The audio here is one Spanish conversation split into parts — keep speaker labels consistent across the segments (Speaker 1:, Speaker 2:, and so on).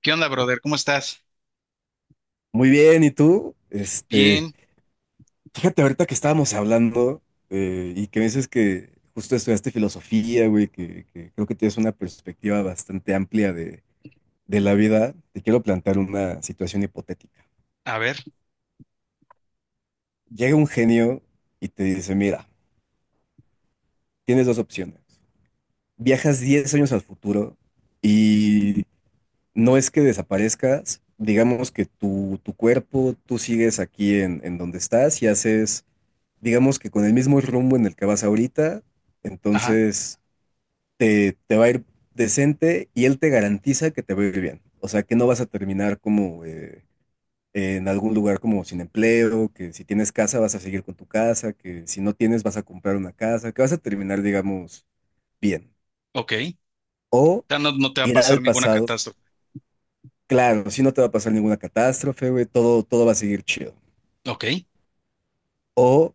Speaker 1: ¿Qué onda, brother? ¿Cómo estás?
Speaker 2: Muy bien, ¿y tú?
Speaker 1: Bien.
Speaker 2: Fíjate ahorita que estábamos hablando y que me dices que justo estudiaste filosofía, güey, que creo que tienes una perspectiva bastante amplia de la vida. Te quiero plantear una situación hipotética.
Speaker 1: A ver.
Speaker 2: Llega un genio y te dice, mira, tienes dos opciones. Viajas 10 años al futuro y no es que desaparezcas, digamos que tu cuerpo, tú sigues aquí en donde estás y haces digamos que con el mismo rumbo en el que vas ahorita,
Speaker 1: Ajá.
Speaker 2: entonces te va a ir decente y él te garantiza que te va a ir bien. O sea, que no vas a terminar como en algún lugar como sin empleo, que si tienes casa vas a seguir con tu casa, que si no tienes vas a comprar una casa, que vas a terminar, digamos, bien.
Speaker 1: Ok.
Speaker 2: O
Speaker 1: Ya no, no te va a
Speaker 2: ir
Speaker 1: pasar
Speaker 2: al
Speaker 1: ninguna
Speaker 2: pasado,
Speaker 1: catástrofe.
Speaker 2: claro, si no te va a pasar ninguna catástrofe, güey, todo va a seguir chido.
Speaker 1: Ok.
Speaker 2: O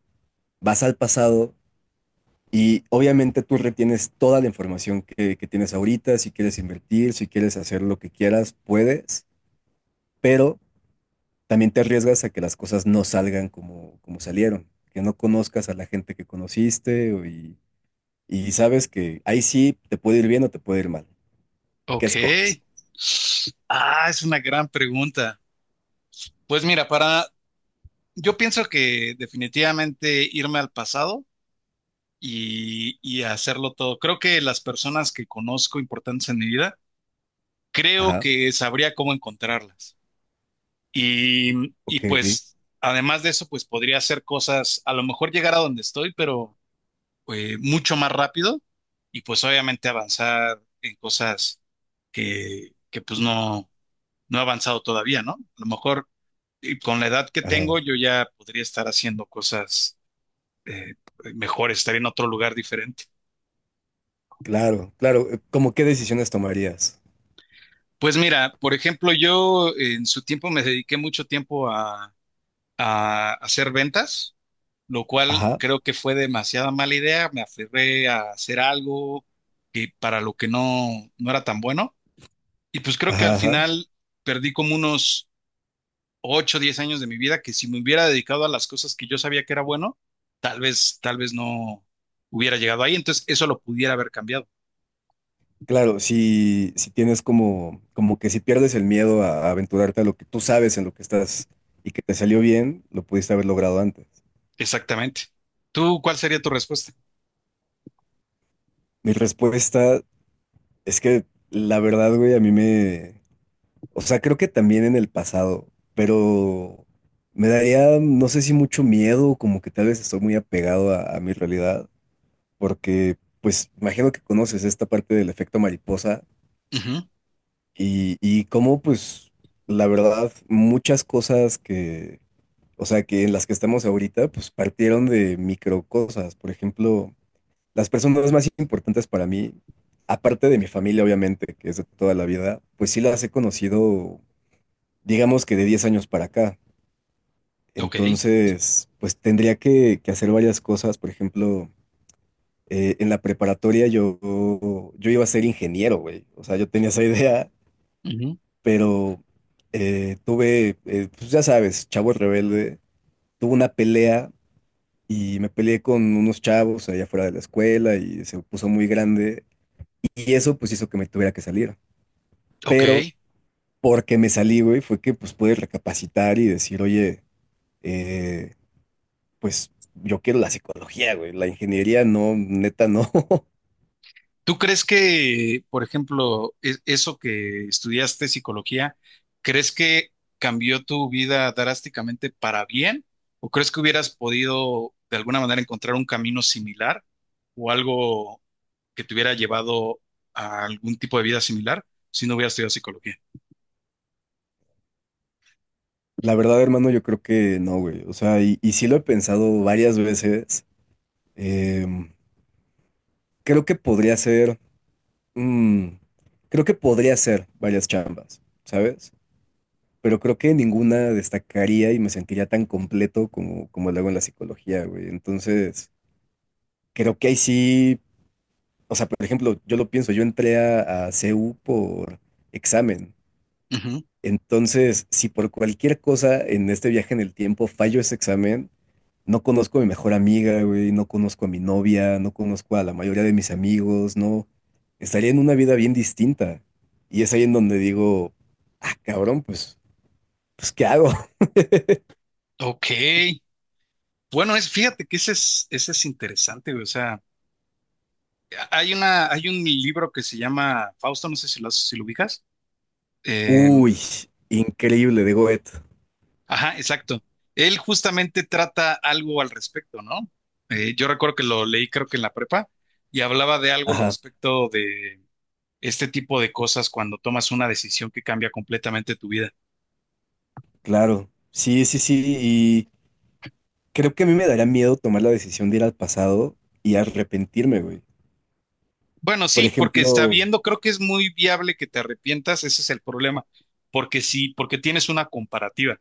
Speaker 2: vas al pasado y obviamente tú retienes toda la información que tienes ahorita, si quieres invertir, si quieres hacer lo que quieras, puedes, pero también te arriesgas a que las cosas no salgan como salieron, que no conozcas a la gente que conociste y sabes que ahí sí te puede ir bien o te puede ir mal. ¿Qué
Speaker 1: Ok.
Speaker 2: escoges?
Speaker 1: Ah, es una gran pregunta. Pues mira, yo pienso que definitivamente irme al pasado y hacerlo todo. Creo que las personas que conozco importantes en mi vida, creo
Speaker 2: Ajá,
Speaker 1: que sabría cómo encontrarlas. Y
Speaker 2: ok,
Speaker 1: pues, además de eso, pues podría hacer cosas, a lo mejor llegar a donde estoy, pero, mucho más rápido y pues obviamente avanzar en cosas que pues no, no he avanzado todavía, ¿no? A lo mejor y con la edad que
Speaker 2: ajá,
Speaker 1: tengo yo ya podría estar haciendo cosas eh, mejores, estar en otro lugar diferente.
Speaker 2: claro, claro. ¿Cómo qué decisiones tomarías?
Speaker 1: Pues mira, por ejemplo, yo en su tiempo me dediqué mucho tiempo a hacer ventas, lo cual
Speaker 2: Ajá,
Speaker 1: creo que fue demasiada mala idea. Me aferré a hacer algo que para lo que no, no era tan bueno. Y pues creo que
Speaker 2: ajá,
Speaker 1: al
Speaker 2: ajá.
Speaker 1: final perdí como unos 8 o 10 años de mi vida que si me hubiera dedicado a las cosas que yo sabía que era bueno, tal vez no hubiera llegado ahí. Entonces eso lo pudiera haber cambiado.
Speaker 2: Claro, si tienes como, como que si pierdes el miedo a aventurarte a lo que tú sabes en lo que estás y que te salió bien, lo pudiste haber logrado antes.
Speaker 1: Exactamente. ¿Tú cuál sería tu respuesta?
Speaker 2: Mi respuesta es que la verdad, güey, o sea, creo que también en el pasado, pero me daría, no sé si mucho miedo, como que tal vez estoy muy apegado a mi realidad, porque pues imagino que conoces esta parte del efecto mariposa
Speaker 1: Ujú.
Speaker 2: y cómo pues la verdad muchas cosas que o sea, que en las que estamos ahorita, pues partieron de micro cosas. Por ejemplo, las personas más importantes para mí, aparte de mi familia, obviamente, que es de toda la vida, pues sí las he conocido, digamos que de 10 años para acá.
Speaker 1: Ok.
Speaker 2: Entonces, pues tendría que hacer varias cosas. Por ejemplo, en la preparatoria yo, yo iba a ser ingeniero, güey. O sea, yo tenía esa idea,
Speaker 1: Ujú.
Speaker 2: pero pues ya sabes, chavo rebelde, tuve una pelea y me peleé con unos chavos allá fuera de la escuela y se puso muy grande y eso pues hizo que me tuviera que salir.
Speaker 1: Ok.
Speaker 2: Pero porque me salí, güey, fue que pues pude recapacitar y decir, oye, eh, pues yo quiero la psicología, güey, la ingeniería no, neta no.
Speaker 1: ¿Tú crees que, por ejemplo, eso que estudiaste psicología, crees que cambió tu vida drásticamente para bien? ¿O crees que hubieras podido de alguna manera encontrar un camino similar o algo que te hubiera llevado a algún tipo de vida similar si no hubieras estudiado psicología?
Speaker 2: La verdad, hermano, yo creo que no, güey. O sea, y sí lo he pensado varias veces. Em, creo que podría ser, mm, creo que podría ser varias chambas, ¿sabes? Pero creo que ninguna destacaría y me sentiría tan completo como lo hago en la psicología, güey. Entonces, creo que ahí sí, o sea, por ejemplo, yo lo pienso, yo entré a CU por examen.
Speaker 1: Ujú.
Speaker 2: Entonces, si por cualquier cosa en este viaje en el tiempo fallo ese examen, no conozco a mi mejor amiga, güey, no conozco a mi novia, no conozco a la mayoría de mis amigos, no. Estaría en una vida bien distinta. Y es ahí en donde digo, ah, cabrón, pues, ¿qué hago?
Speaker 1: Ok. Bueno, fíjate que ese es interesante, güey. O sea, hay un libro que se llama Fausto, no sé si lo ubicas. Em,
Speaker 2: Uy, increíble de Goethe.
Speaker 1: Ajá, exacto. Él justamente trata algo al respecto, ¿no? Yo recuerdo que lo leí creo que en la prepa y hablaba de algo al
Speaker 2: Ajá,
Speaker 1: respecto de este tipo de cosas cuando tomas una decisión que cambia completamente tu vida.
Speaker 2: claro. Sí, sí, sí. Y creo que a mí me daría miedo tomar la decisión de ir al pasado y arrepentirme, güey.
Speaker 1: Bueno,
Speaker 2: Por
Speaker 1: sí, porque
Speaker 2: ejemplo,
Speaker 1: sabiendo creo que es muy viable que te arrepientas, ese es el problema, porque sí, porque tienes una comparativa.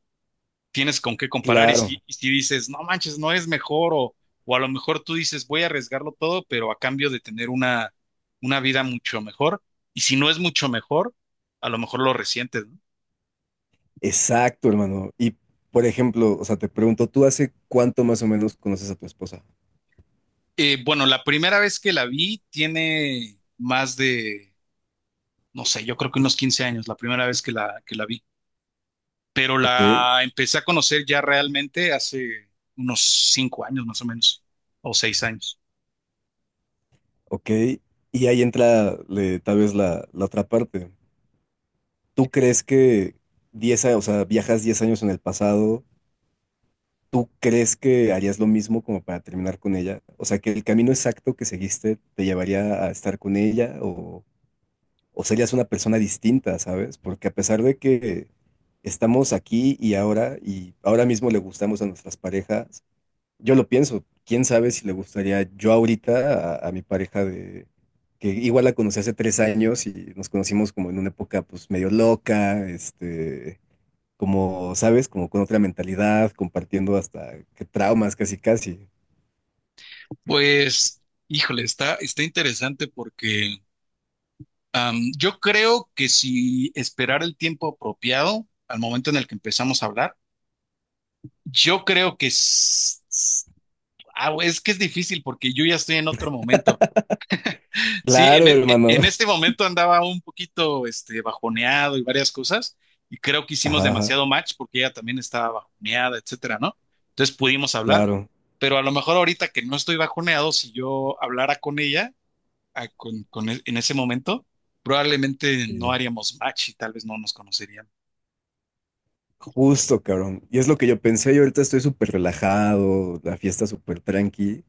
Speaker 1: Tienes con qué comparar
Speaker 2: claro,
Speaker 1: y si dices, no manches, no es mejor o a lo mejor tú dices, voy a arriesgarlo todo, pero a cambio de tener una vida mucho mejor y si no es mucho mejor, a lo mejor lo resientes, ¿no?
Speaker 2: exacto, hermano. Y por ejemplo, o sea, te pregunto, ¿tú hace cuánto más o menos conoces a tu esposa?
Speaker 1: Bueno, la primera vez que la vi tiene más de, no sé, yo creo que unos 15 años, la primera vez que la vi, pero
Speaker 2: Ok,
Speaker 1: la empecé a conocer ya realmente hace unos 5 años más o menos, o 6 años.
Speaker 2: ok. Y ahí entra tal vez la otra parte. ¿Tú crees que 10 años, o sea, viajas 10 años en el pasado? ¿Tú crees que harías lo mismo como para terminar con ella? O sea, que el camino exacto que seguiste te llevaría a estar con ella o serías una persona distinta, ¿sabes? Porque a pesar de que estamos aquí y ahora mismo le gustamos a nuestras parejas, yo lo pienso, quién sabe si le gustaría yo ahorita a mi pareja de que igual la conocí hace tres años y nos conocimos como en una época pues medio loca, como, ¿sabes? Como con otra mentalidad, compartiendo hasta que traumas casi casi.
Speaker 1: Pues, híjole, está interesante porque yo creo que si esperar el tiempo apropiado al momento en el que empezamos a hablar, yo creo que güey, es que es difícil porque yo ya estoy en otro momento. Sí,
Speaker 2: Claro,
Speaker 1: en, e- e-
Speaker 2: hermano.
Speaker 1: en este momento andaba un poquito bajoneado y varias cosas, y creo que hicimos
Speaker 2: Ajá, ajá,
Speaker 1: demasiado match porque ella también estaba bajoneada, etcétera, ¿no? Entonces pudimos hablar,
Speaker 2: claro.
Speaker 1: pero a lo mejor ahorita que no estoy bajoneado, si yo hablara con ella en ese momento, probablemente no
Speaker 2: Sí.
Speaker 1: haríamos match y tal vez no nos conoceríamos.
Speaker 2: Justo, cabrón. Y es lo que yo pensé, yo ahorita estoy súper relajado, la fiesta súper tranqui.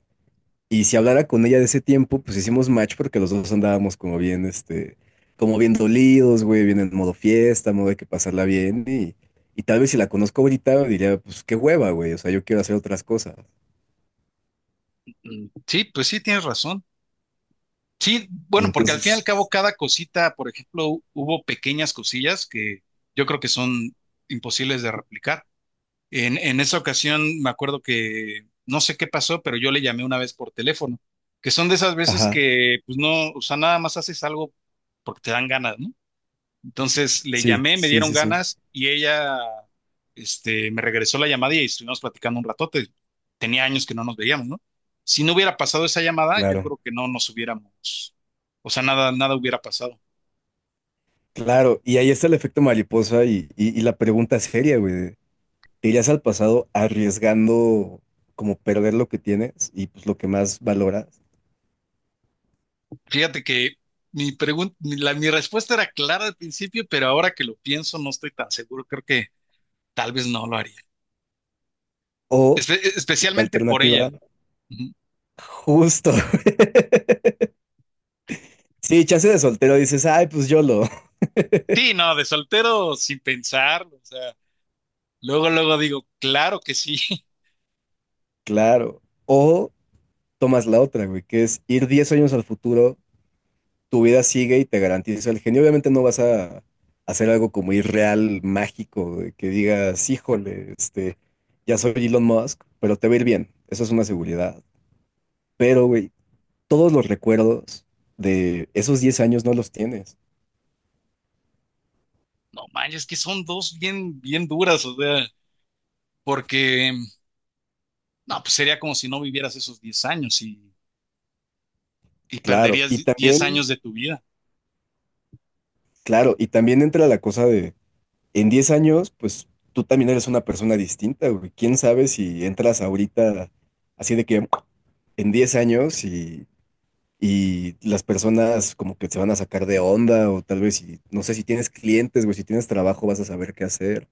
Speaker 2: Y si hablara con ella de ese tiempo, pues hicimos match porque los dos andábamos como bien, como bien dolidos, güey, bien en modo fiesta, modo de que pasarla bien. Y tal vez si la conozco ahorita, diría, pues qué hueva, güey, o sea, yo quiero hacer otras cosas.
Speaker 1: Sí, pues sí, tienes razón. Sí,
Speaker 2: Y
Speaker 1: bueno, porque al fin y al
Speaker 2: entonces,
Speaker 1: cabo cada cosita, por ejemplo, hubo pequeñas cosillas que yo creo que son imposibles de replicar. En esa ocasión me acuerdo que no sé qué pasó, pero yo le llamé una vez por teléfono, que son de esas veces
Speaker 2: ajá,
Speaker 1: que pues no, o sea, nada más haces algo porque te dan ganas, ¿no? Entonces le
Speaker 2: sí,
Speaker 1: llamé, me
Speaker 2: sí,
Speaker 1: dieron
Speaker 2: sí, sí.
Speaker 1: ganas y ella, me regresó la llamada y estuvimos platicando un ratote. Tenía años que no nos veíamos, ¿no? Si no hubiera pasado esa llamada, yo
Speaker 2: Claro,
Speaker 1: creo que no nos hubiéramos, o sea, nada, nada hubiera pasado.
Speaker 2: claro. Y ahí está el efecto mariposa y la pregunta seria, güey. De, ¿te irías al pasado arriesgando como perder lo que tienes y pues lo que más valoras?
Speaker 1: Fíjate que mi pregunta, mi, la- mi respuesta era clara al principio, pero ahora que lo pienso no estoy tan seguro. Creo que tal vez no lo haría.
Speaker 2: O la
Speaker 1: Especialmente por
Speaker 2: alternativa,
Speaker 1: ella. Ujú.
Speaker 2: justo. Sí, chance de soltero dices, ay, pues yo lo.
Speaker 1: Sí, no, de soltero sin pensar, o sea, luego, luego digo, claro que sí.
Speaker 2: Claro. O tomas la otra, güey, que es ir 10 años al futuro, tu vida sigue y te garantiza el genio. Obviamente no vas a hacer algo como irreal, mágico, de que digas, híjole, ya soy Elon Musk, pero te va a ir bien. Eso es una seguridad. Pero, güey, todos los recuerdos de esos 10 años no los tienes.
Speaker 1: No manches, que son dos bien, bien duras, o sea, porque no, pues sería como si no vivieras esos 10 años y
Speaker 2: Claro,
Speaker 1: perderías
Speaker 2: y
Speaker 1: 10
Speaker 2: también,
Speaker 1: años de tu vida.
Speaker 2: claro, y también entra la cosa de, en 10 años, pues tú también eres una persona distinta, güey. ¿Quién sabe si entras ahorita así de que en 10 años y las personas como que se van a sacar de onda o tal vez, si, no sé si tienes clientes, güey, si tienes trabajo vas a saber qué hacer.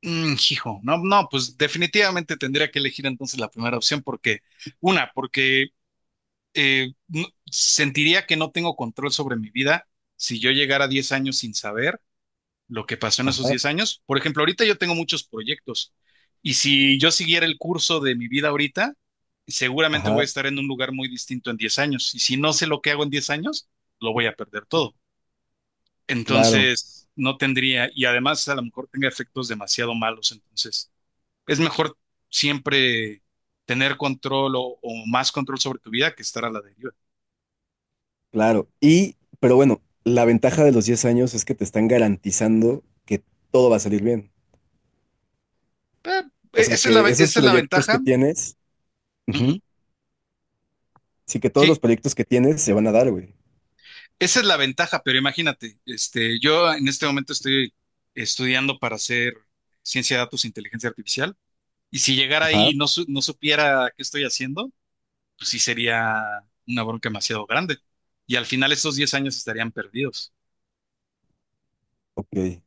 Speaker 1: Hijo, no, no, pues definitivamente tendría que elegir entonces la primera opción porque, una, porque sentiría que no tengo control sobre mi vida si yo llegara a 10 años sin saber, lo que pasó en esos
Speaker 2: Ajá,
Speaker 1: 10 años. Por ejemplo, ahorita yo tengo muchos proyectos y si yo siguiera el curso de mi vida ahorita, seguramente voy a
Speaker 2: ajá,
Speaker 1: estar en un lugar muy distinto en 10 años. Y si no sé lo que hago en 10 años, lo voy a perder todo.
Speaker 2: claro,
Speaker 1: Entonces, no tendría, y además a lo mejor tenga efectos demasiado malos. Entonces, es mejor siempre tener control o más control sobre tu vida que estar a la deriva.
Speaker 2: claro. Y, pero bueno, la ventaja de los 10 años es que te están garantizando que todo va a salir bien.
Speaker 1: Eh,
Speaker 2: O sea, que esos
Speaker 1: Esa es la
Speaker 2: proyectos que
Speaker 1: ventaja.
Speaker 2: tienes,
Speaker 1: Ujú.
Speaker 2: ujú, sí que todos
Speaker 1: Sí,
Speaker 2: los proyectos que tienes se van a dar, güey.
Speaker 1: esa es la ventaja, pero imagínate, yo en este momento estoy estudiando para hacer ciencia de datos e inteligencia artificial, y si llegara ahí
Speaker 2: Ajá,
Speaker 1: y no, no supiera qué estoy haciendo, pues sí sería una bronca demasiado grande. Y al final estos 10 años estarían perdidos,
Speaker 2: ok.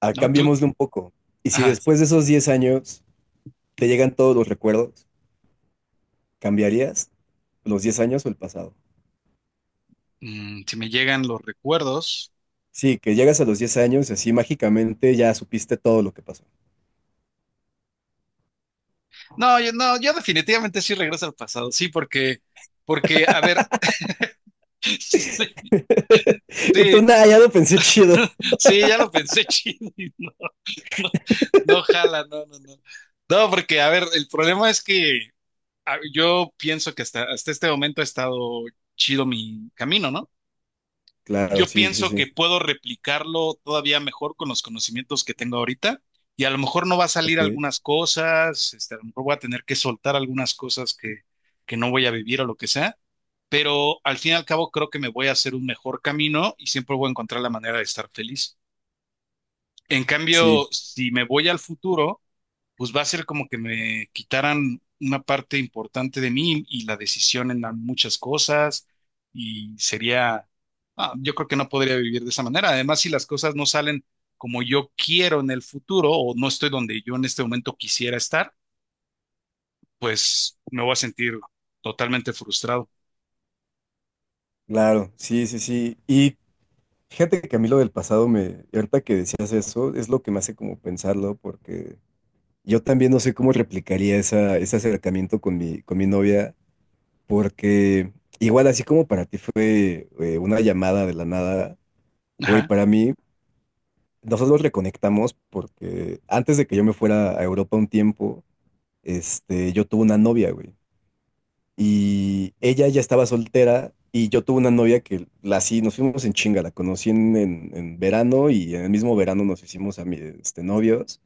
Speaker 2: Ah,
Speaker 1: ¿no? Tú.
Speaker 2: cambiémosle un poco. Y si
Speaker 1: Ajá.
Speaker 2: después de esos 10 años te llegan todos los recuerdos, ¿cambiarías los 10 años o el pasado?
Speaker 1: Si me llegan los recuerdos.
Speaker 2: Sí, que llegas a los 10 años y así mágicamente ya supiste todo lo que pasó.
Speaker 1: No, yo, no, yo definitivamente sí regreso al pasado, sí, porque, a ver, sí,
Speaker 2: Y
Speaker 1: sí,
Speaker 2: tú, nada, ya lo pensé chido.
Speaker 1: sí, ya lo pensé chido. No, no jala, no, no, no. No, porque, a ver, el problema es que yo pienso que hasta este momento ha estado chido mi camino, ¿no?
Speaker 2: Claro,
Speaker 1: Yo
Speaker 2: sí, sí,
Speaker 1: pienso que
Speaker 2: sí.
Speaker 1: puedo replicarlo todavía mejor con los conocimientos que tengo ahorita y a lo mejor no va a salir
Speaker 2: Ok,
Speaker 1: algunas cosas, a lo mejor voy a tener que soltar algunas cosas que no voy a vivir o lo que sea, pero al fin y al cabo creo que me voy a hacer un mejor camino y siempre voy a encontrar la manera de estar feliz. En
Speaker 2: sí,
Speaker 1: cambio, si me voy al futuro pues va a ser como que me quitaran una parte importante de mí y la decisión en muchas cosas y sería, yo creo que no podría vivir de esa manera. Además, si las cosas no salen como yo quiero en el futuro o no estoy donde yo en este momento quisiera estar, pues me voy a sentir totalmente frustrado.
Speaker 2: claro, sí, sí, sí. Y fíjate que a mí lo del pasado me, y ahorita que decías eso, es lo que me hace como pensarlo, porque yo también no sé cómo replicaría ese acercamiento con con mi novia, porque igual así como para ti fue una llamada de la nada, güey,
Speaker 1: Ajá,
Speaker 2: para mí nosotros reconectamos porque antes de que yo me fuera a Europa un tiempo, yo tuve una novia, güey. Y ella ya estaba soltera y yo tuve una novia que la sí, nos fuimos en chinga, la conocí en verano y en el mismo verano nos hicimos a mi, novios.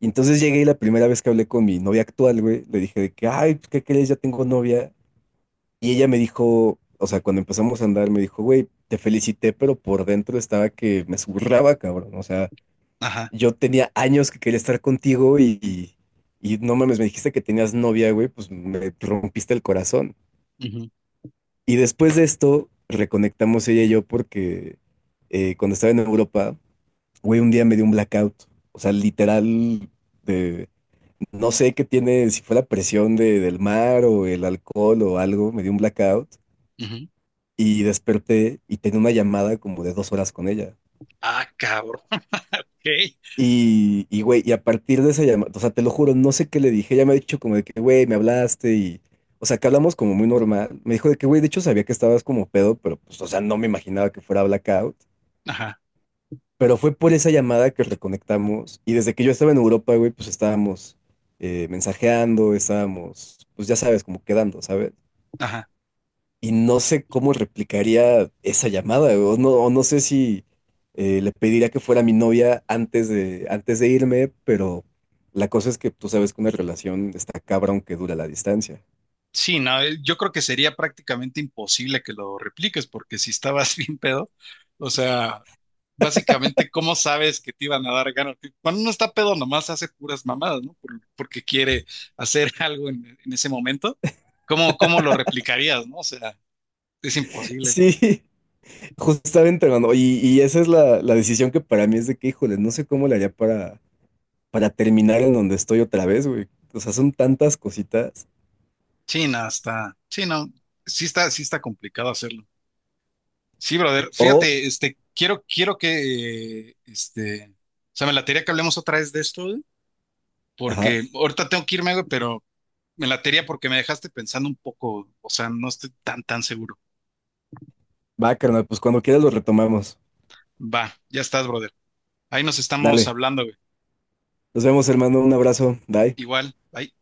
Speaker 2: Y entonces llegué y la primera vez que hablé con mi novia actual, güey, le dije de que, ay, pues, ¿qué crees? Ya tengo novia. Y ella me dijo, o sea, cuando empezamos a andar, me dijo, güey, te felicité, pero por dentro estaba que me zurraba, cabrón. O sea,
Speaker 1: ajá.
Speaker 2: yo tenía años que quería estar contigo y no mames, me dijiste que tenías novia, güey, pues me rompiste el corazón.
Speaker 1: Ujú,
Speaker 2: Y después de esto, reconectamos ella y yo porque cuando estaba en Europa, güey, un día me dio un blackout. O sea, literal, de, no sé qué tiene, si fue la presión del mar o el alcohol o algo, me dio un blackout
Speaker 1: ujú.
Speaker 2: y desperté y tenía una llamada como de dos horas con ella.
Speaker 1: Ah, cabrón. Ok.
Speaker 2: Güey, y a partir de esa llamada, o sea, te lo juro, no sé qué le dije, ella me ha dicho como de que, güey, me hablaste o sea, que hablamos como muy normal. Me dijo de que, güey, de hecho sabía que estabas como pedo, pero pues, o sea, no me imaginaba que fuera blackout.
Speaker 1: Ajá,
Speaker 2: Pero fue por esa llamada que reconectamos y desde que yo estaba en Europa, güey, pues estábamos mensajeando, estábamos, pues ya sabes, como quedando, ¿sabes?
Speaker 1: ajá.
Speaker 2: Y no sé cómo replicaría esa llamada, o no sé si le pediría que fuera mi novia antes de irme, pero la cosa es que tú sabes que una relación está cabrón que dura la distancia.
Speaker 1: Sí, no, yo creo que sería prácticamente imposible que lo repliques, porque si estabas bien pedo, o sea, básicamente, ¿cómo sabes que te iban a dar ganas? Que cuando uno está pedo, nomás hace puras mamadas, ¿no? Porque quiere hacer algo en ese momento. ¿Cómo lo replicarías, no? O sea, es imposible.
Speaker 2: Sí, justamente, hermano, y esa es la decisión que para mí es de que, híjole, no sé cómo le haría para terminar en donde estoy otra vez, güey. O sea, son tantas cositas.
Speaker 1: Sí, no, está, sí, no, sí está complicado hacerlo. Sí, brother,
Speaker 2: O,
Speaker 1: fíjate, quiero que, o sea, me la latería que hablemos otra vez de esto, ¿eh?
Speaker 2: ajá,
Speaker 1: Porque ahorita tengo que irme, güey, pero me latería porque me dejaste pensando un poco, o sea, no estoy tan, tan seguro.
Speaker 2: va, carnal, pues cuando quieras lo retomamos.
Speaker 1: Va, ya estás, brother. Ahí nos estamos
Speaker 2: Dale,
Speaker 1: hablando, güey.
Speaker 2: nos vemos, hermano, un abrazo, bye.
Speaker 1: Igual, bye.